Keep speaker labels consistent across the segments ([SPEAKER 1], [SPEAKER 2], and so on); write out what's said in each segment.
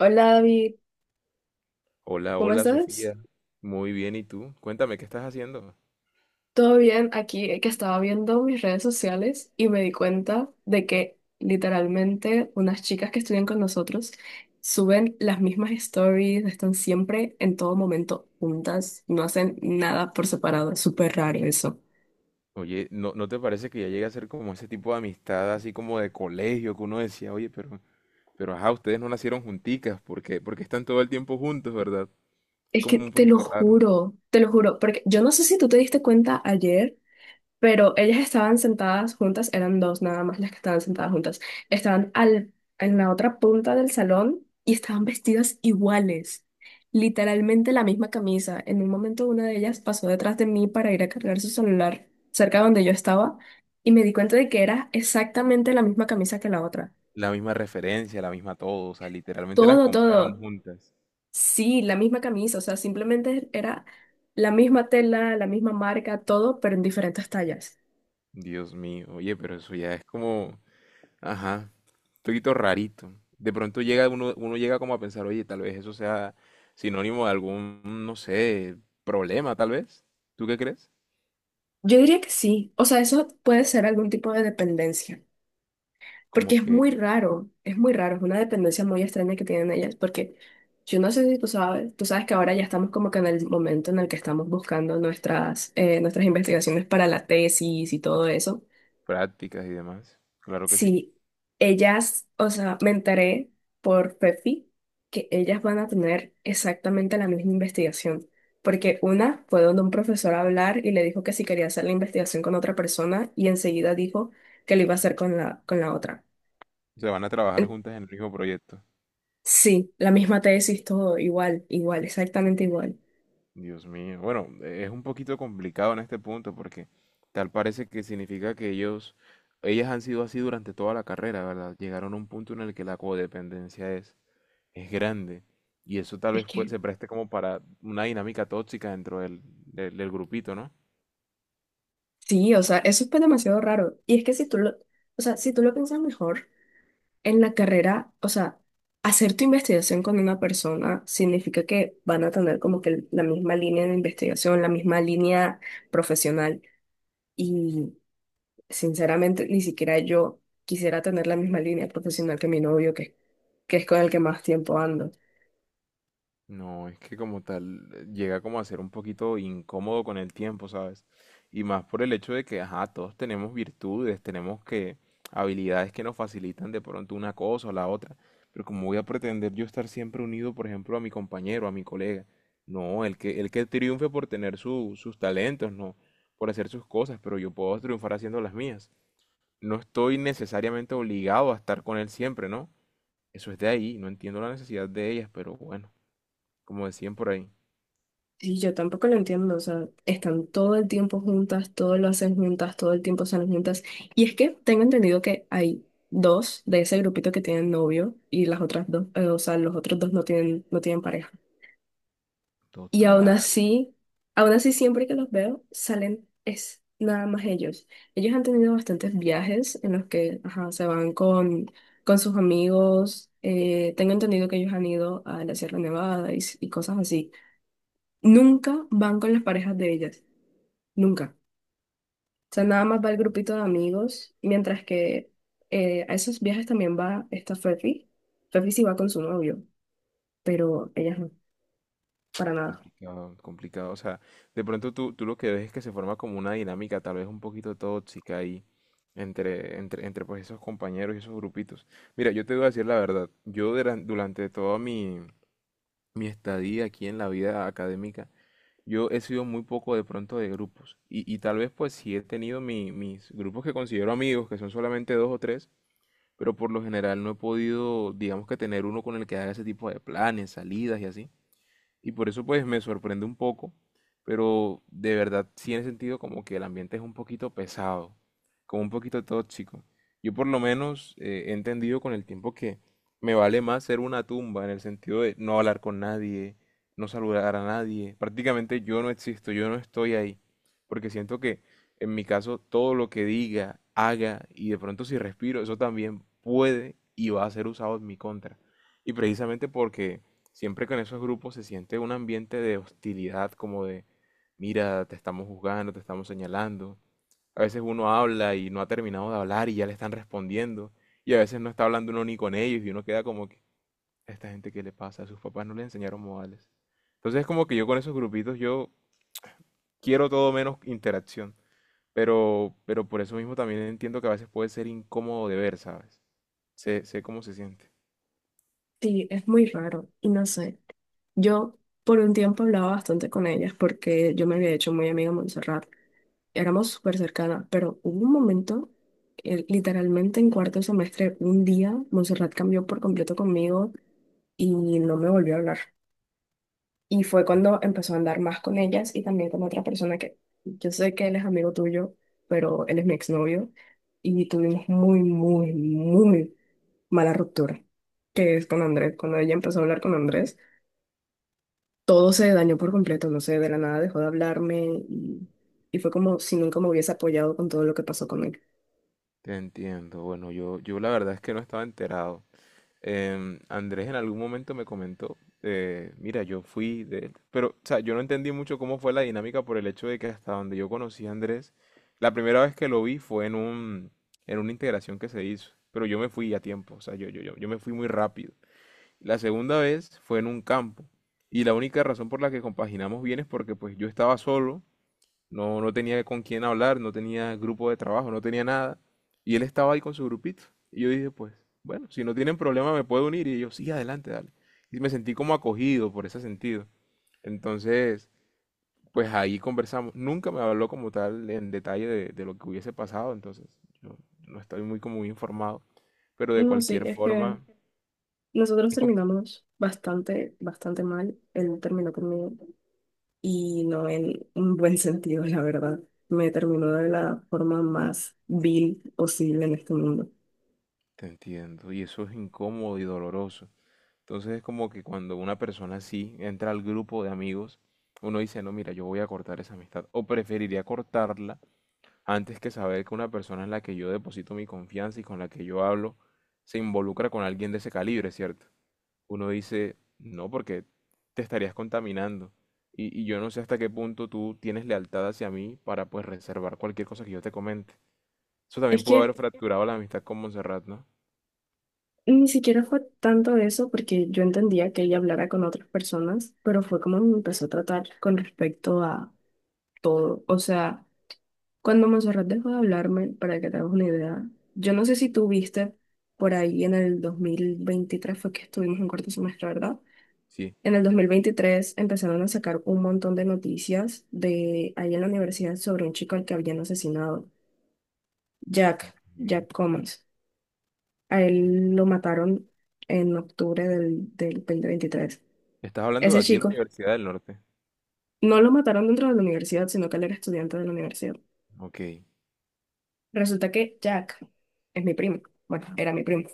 [SPEAKER 1] Hola David,
[SPEAKER 2] Hola,
[SPEAKER 1] ¿cómo
[SPEAKER 2] hola
[SPEAKER 1] estás?
[SPEAKER 2] Sofía. Muy bien, ¿y tú? Cuéntame, ¿qué estás haciendo?
[SPEAKER 1] ¿Todo bien? Aquí que estaba viendo mis redes sociales y me di cuenta de que literalmente unas chicas que estudian con nosotros suben las mismas stories, están siempre en todo momento juntas, no hacen nada por separado, es súper raro eso.
[SPEAKER 2] Oye, ¿no te parece que ya llega a ser como ese tipo de amistad, así como de colegio, que uno decía, oye, pero ajá, ustedes no nacieron junticas, porque están todo el tiempo juntos, ¿verdad?
[SPEAKER 1] Es que
[SPEAKER 2] Como un poquito raro.
[SPEAKER 1] te lo juro, porque yo no sé si tú te diste cuenta ayer pero ellas estaban sentadas juntas, eran dos nada más las que estaban sentadas juntas, estaban al, en la otra punta del salón y estaban vestidas iguales, literalmente la misma camisa. En un momento una de ellas pasó detrás de mí para ir a cargar su celular cerca donde yo estaba y me di cuenta de que era exactamente la misma camisa que la otra.
[SPEAKER 2] La misma referencia, la misma todo, o sea, literalmente las
[SPEAKER 1] Todo,
[SPEAKER 2] compraron
[SPEAKER 1] todo.
[SPEAKER 2] juntas.
[SPEAKER 1] Sí, la misma camisa, o sea, simplemente era la misma tela, la misma marca, todo, pero en diferentes tallas.
[SPEAKER 2] Dios mío, oye, pero eso ya es como, ajá, un poquito rarito. De pronto llega uno, uno llega como a pensar, oye, tal vez eso sea sinónimo de algún, no sé, problema, tal vez. ¿Tú qué crees?
[SPEAKER 1] Yo diría que sí. O sea, eso puede ser algún tipo de dependencia,
[SPEAKER 2] Como
[SPEAKER 1] porque es
[SPEAKER 2] que
[SPEAKER 1] muy raro, es muy raro, es una dependencia muy extraña que tienen ellas, porque yo no sé si tú sabes, tú sabes que ahora ya estamos como que en el momento en el que estamos buscando nuestras, nuestras investigaciones para la tesis y todo eso.
[SPEAKER 2] prácticas y demás. Claro que sí.
[SPEAKER 1] Sí, ellas, o sea, me enteré por Pepi que ellas van a tener exactamente la misma investigación, porque una fue donde un profesor a hablar y le dijo que si quería hacer la investigación con otra persona y enseguida dijo que lo iba a hacer con la otra.
[SPEAKER 2] Se van a trabajar
[SPEAKER 1] En-
[SPEAKER 2] juntas en el mismo proyecto.
[SPEAKER 1] Sí, la misma tesis, todo igual, igual, exactamente igual.
[SPEAKER 2] Dios mío. Bueno, es un poquito complicado en este punto porque tal parece que significa que ellas han sido así durante toda la carrera, ¿verdad? Llegaron a un punto en el que la codependencia es grande. Y eso tal
[SPEAKER 1] Es
[SPEAKER 2] vez
[SPEAKER 1] que
[SPEAKER 2] se preste como para una dinámica tóxica dentro del grupito, ¿no?
[SPEAKER 1] sí, o sea, eso es pues demasiado raro. Y es que si tú lo, o sea, si tú lo piensas mejor en la carrera, o sea, hacer tu investigación con una persona significa que van a tener como que la misma línea de investigación, la misma línea profesional. Y sinceramente, ni siquiera yo quisiera tener la misma línea profesional que mi novio, que es con el que más tiempo ando.
[SPEAKER 2] No, es que como tal llega como a ser un poquito incómodo con el tiempo, ¿sabes? Y más por el hecho de que, ajá, todos tenemos virtudes, tenemos que habilidades que nos facilitan de pronto una cosa o la otra. Pero como voy a pretender yo estar siempre unido, por ejemplo, a mi compañero, a mi colega. No, el que triunfe por tener sus talentos, no, por hacer sus cosas, pero yo puedo triunfar haciendo las mías. No estoy necesariamente obligado a estar con él siempre, ¿no? Eso es de ahí, no entiendo la necesidad de ellas, pero bueno, como decían por ahí,
[SPEAKER 1] Y yo tampoco lo entiendo, o sea, están todo el tiempo juntas, todo lo hacen juntas, todo el tiempo salen juntas. Y es que tengo entendido que hay dos de ese grupito que tienen novio y las otras dos, o sea, los otros dos no tienen, no tienen pareja. Y
[SPEAKER 2] total,
[SPEAKER 1] aún así siempre que los veo, salen es nada más ellos. Ellos han tenido bastantes viajes en los que, ajá, con sus amigos. Tengo entendido que ellos han ido a la Sierra Nevada y cosas así. Nunca van con las parejas de ellas. Nunca. O sea, nada más va el
[SPEAKER 2] complicado,
[SPEAKER 1] grupito de amigos, mientras que a esos viajes también va esta Fefi. Fefi sí va con su novio, pero ellas no, para nada.
[SPEAKER 2] complicado. O sea, de pronto tú lo que ves es que se forma como una dinámica tal vez un poquito tóxica ahí entre pues esos compañeros y esos grupitos. Mira, yo te voy a decir la verdad, yo durante toda mi, mi estadía aquí en la vida académica, yo he sido muy poco de pronto de grupos y tal vez pues sí he tenido mis grupos que considero amigos, que son solamente dos o tres, pero por lo general no he podido, digamos que tener uno con el que haga ese tipo de planes, salidas y así. Y por eso pues me sorprende un poco, pero de verdad sí he sentido como que el ambiente es un poquito pesado, como un poquito tóxico. Yo por lo menos he entendido con el tiempo que me vale más ser una tumba en el sentido de no hablar con nadie, no saludar a nadie. Prácticamente yo no existo, yo no estoy ahí, porque siento que en mi caso todo lo que diga, haga y de pronto si respiro, eso también puede y va a ser usado en mi contra. Y precisamente porque siempre que en esos grupos se siente un ambiente de hostilidad, como de, mira, te estamos juzgando, te estamos señalando. A veces uno habla y no ha terminado de hablar y ya le están respondiendo. Y a veces no está hablando uno ni con ellos y uno queda como que, "¿A esta gente qué le pasa, a sus papás no le enseñaron modales?" Entonces es como que yo con esos grupitos yo quiero todo menos interacción. Pero por eso mismo también entiendo que a veces puede ser incómodo de ver, ¿sabes? Sé cómo se siente.
[SPEAKER 1] Sí, es muy raro y no sé. Yo por un tiempo hablaba bastante con ellas porque yo me había hecho muy amiga de Montserrat. Éramos súper cercanas, pero hubo un momento, literalmente en cuarto semestre, un día, Montserrat cambió por completo conmigo y no me volvió a hablar. Y fue cuando empezó a andar más con ellas y también con otra persona que yo sé que él es amigo tuyo, pero él es mi exnovio. Y tuvimos muy, muy, muy mala ruptura, que es con Andrés. Cuando ella empezó a hablar con Andrés, todo se dañó por completo. No sé, de la nada dejó de hablarme, y fue como si nunca me hubiese apoyado con todo lo que pasó con él.
[SPEAKER 2] Te entiendo. Bueno, yo la verdad es que no estaba enterado. Andrés en algún momento me comentó, mira, yo fui de él, pero, o sea, yo no entendí mucho cómo fue la dinámica por el hecho de que hasta donde yo conocí a Andrés, la primera vez que lo vi fue en un, en una integración que se hizo, pero yo me fui a tiempo, o sea, yo me fui muy rápido. La segunda vez fue en un campo, y la única razón por la que compaginamos bien es porque pues yo estaba solo, no tenía con quién hablar, no tenía grupo de trabajo, no tenía nada. Y él estaba ahí con su grupito. Y yo dije, pues, bueno, si no tienen problema me puedo unir. Y ellos, sí, adelante, dale. Y me sentí como acogido por ese sentido. Entonces, pues ahí conversamos. Nunca me habló como tal en detalle de lo que hubiese pasado. Entonces, yo no estoy muy informado. Pero de
[SPEAKER 1] No, sí,
[SPEAKER 2] cualquier
[SPEAKER 1] es que
[SPEAKER 2] forma,
[SPEAKER 1] nosotros
[SPEAKER 2] es como-
[SPEAKER 1] terminamos bastante, bastante mal. Él terminó conmigo y no en un buen sentido, la verdad. Me terminó de la forma más vil posible en este mundo.
[SPEAKER 2] te entiendo. Y eso es incómodo y doloroso. Entonces es como que cuando una persona así entra al grupo de amigos, uno dice, no, mira, yo voy a cortar esa amistad. O preferiría cortarla antes que saber que una persona en la que yo deposito mi confianza y con la que yo hablo se involucra con alguien de ese calibre, ¿cierto? Uno dice, no, porque te estarías contaminando. Y yo no sé hasta qué punto tú tienes lealtad hacia mí para pues reservar cualquier cosa que yo te comente. Eso
[SPEAKER 1] Es
[SPEAKER 2] también pudo
[SPEAKER 1] que
[SPEAKER 2] haber fracturado la amistad con Montserrat, ¿no?
[SPEAKER 1] ni siquiera fue tanto eso, porque yo entendía que ella hablara con otras personas, pero fue como me empezó a tratar con respecto a todo. O sea, cuando Monserrat dejó de hablarme, para que te hagas una idea, yo no sé si tú viste por ahí en el 2023 fue que estuvimos en cuarto semestre, ¿verdad?
[SPEAKER 2] Sí.
[SPEAKER 1] En el 2023 empezaron a sacar un montón de noticias de ahí en la universidad sobre un chico al que habían asesinado, Jack,
[SPEAKER 2] Ok.
[SPEAKER 1] Jack Comas. A él lo mataron en octubre del 2023.
[SPEAKER 2] Estás hablando de
[SPEAKER 1] Ese
[SPEAKER 2] aquí en la
[SPEAKER 1] chico
[SPEAKER 2] Universidad del Norte.
[SPEAKER 1] no lo mataron dentro de la universidad, sino que él era estudiante de la universidad.
[SPEAKER 2] Ok.
[SPEAKER 1] Resulta que Jack es mi primo. Bueno, era mi primo.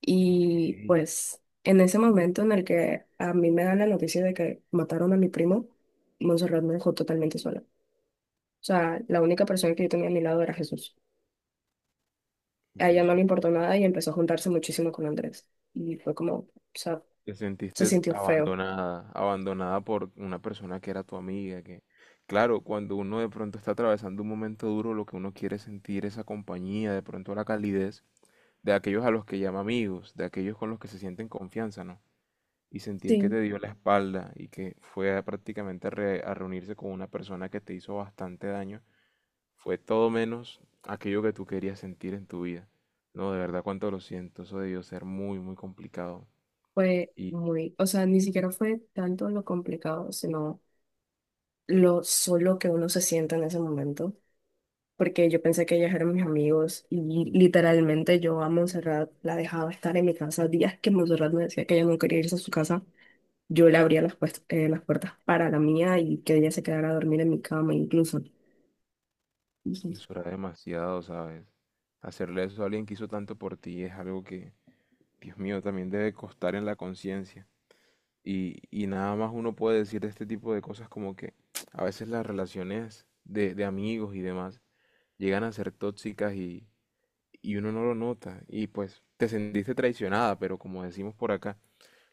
[SPEAKER 1] Y
[SPEAKER 2] Ey,
[SPEAKER 1] pues en ese momento en el que a mí me dan la noticia de que mataron a mi primo, Montserrat me dejó totalmente sola. O sea, la única persona que yo tenía a mi lado era Jesús. A ella
[SPEAKER 2] Dios
[SPEAKER 1] no le
[SPEAKER 2] mío.
[SPEAKER 1] importó nada y empezó a juntarse muchísimo con Andrés. Y fue como, o sea,
[SPEAKER 2] Te
[SPEAKER 1] se
[SPEAKER 2] sentiste
[SPEAKER 1] sintió feo.
[SPEAKER 2] abandonada, abandonada por una persona que era tu amiga, que, claro, cuando uno de pronto está atravesando un momento duro, lo que uno quiere es sentir esa compañía, de pronto la calidez de aquellos a los que llama amigos, de aquellos con los que se sienten confianza, ¿no? Y sentir que
[SPEAKER 1] Sí,
[SPEAKER 2] te dio la espalda y que fue a prácticamente a reunirse con una persona que te hizo bastante daño, fue todo menos aquello que tú querías sentir en tu vida. No, de verdad, cuánto lo siento, eso debió ser muy, muy complicado.
[SPEAKER 1] fue
[SPEAKER 2] Y
[SPEAKER 1] muy, o sea, ni siquiera fue tanto lo complicado, sino lo solo que uno se siente en ese momento. Porque yo pensé que ellas eran mis amigos y literalmente yo a Montserrat la dejaba estar en mi casa. Días que Montserrat me decía que ella no quería irse a su casa, yo le abría las puertas para la mía y que ella se quedara a dormir en mi cama incluso.
[SPEAKER 2] eso era demasiado, ¿sabes? Hacerle eso a alguien que hizo tanto por ti es algo que, Dios mío, también debe costar en la conciencia. Y nada más uno puede decir de este tipo de cosas como que a veces las relaciones de amigos y demás llegan a ser tóxicas y uno no lo nota. Y pues te sentiste traicionada, pero como decimos por acá,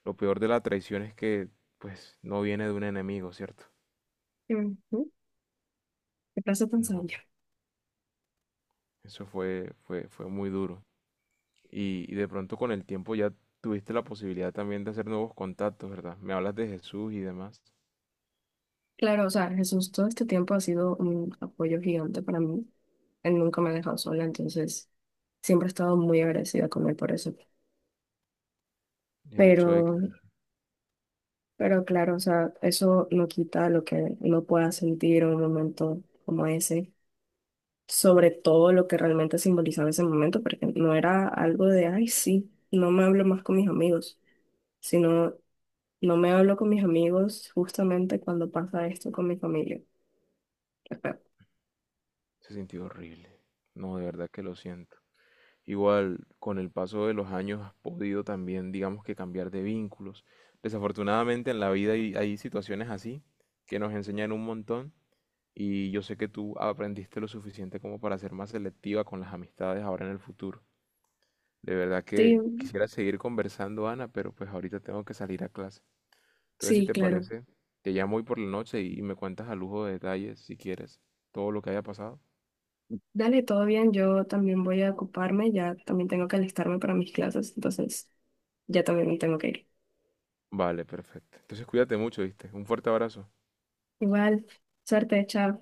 [SPEAKER 2] lo peor de la traición es que pues no viene de un enemigo, ¿cierto?
[SPEAKER 1] Ujú. Qué frase tan
[SPEAKER 2] No,
[SPEAKER 1] sabia.
[SPEAKER 2] eso fue muy duro. Y de pronto con el tiempo ya tuviste la posibilidad también de hacer nuevos contactos, ¿verdad? Me hablas de Jesús y demás.
[SPEAKER 1] Claro, o sea, Jesús todo este tiempo ha sido un apoyo gigante para mí. Él nunca me ha dejado sola, entonces siempre he estado muy agradecida con él por eso.
[SPEAKER 2] El hecho de que
[SPEAKER 1] Pero, pero claro, o sea, eso no quita lo que uno pueda sentir en un momento como ese, sobre todo lo que realmente simbolizaba ese momento, porque no era algo de, ay, sí, no me hablo más con mis amigos, sino no me hablo con mis amigos justamente cuando pasa esto con mi familia. Qué feo.
[SPEAKER 2] se sintió horrible. No, de verdad que lo siento. Igual, con el paso de los años has podido también, digamos que cambiar de vínculos. Desafortunadamente en la vida hay situaciones así que nos enseñan un montón y yo sé que tú aprendiste lo suficiente como para ser más selectiva con las amistades ahora en el futuro. De verdad
[SPEAKER 1] Sí,
[SPEAKER 2] que quisiera seguir conversando, Ana, pero pues ahorita tengo que salir a clase. Entonces, si
[SPEAKER 1] sí,
[SPEAKER 2] te
[SPEAKER 1] claro.
[SPEAKER 2] parece, te llamo hoy por la noche y me cuentas a lujo de detalles, si quieres, todo lo que haya pasado.
[SPEAKER 1] Dale, todo bien. Yo también voy a ocuparme. Ya también tengo que alistarme para mis clases. Entonces, ya también me tengo que ir.
[SPEAKER 2] Vale, perfecto. Entonces, cuídate mucho, ¿viste? Un fuerte abrazo.
[SPEAKER 1] Igual, suerte, chao.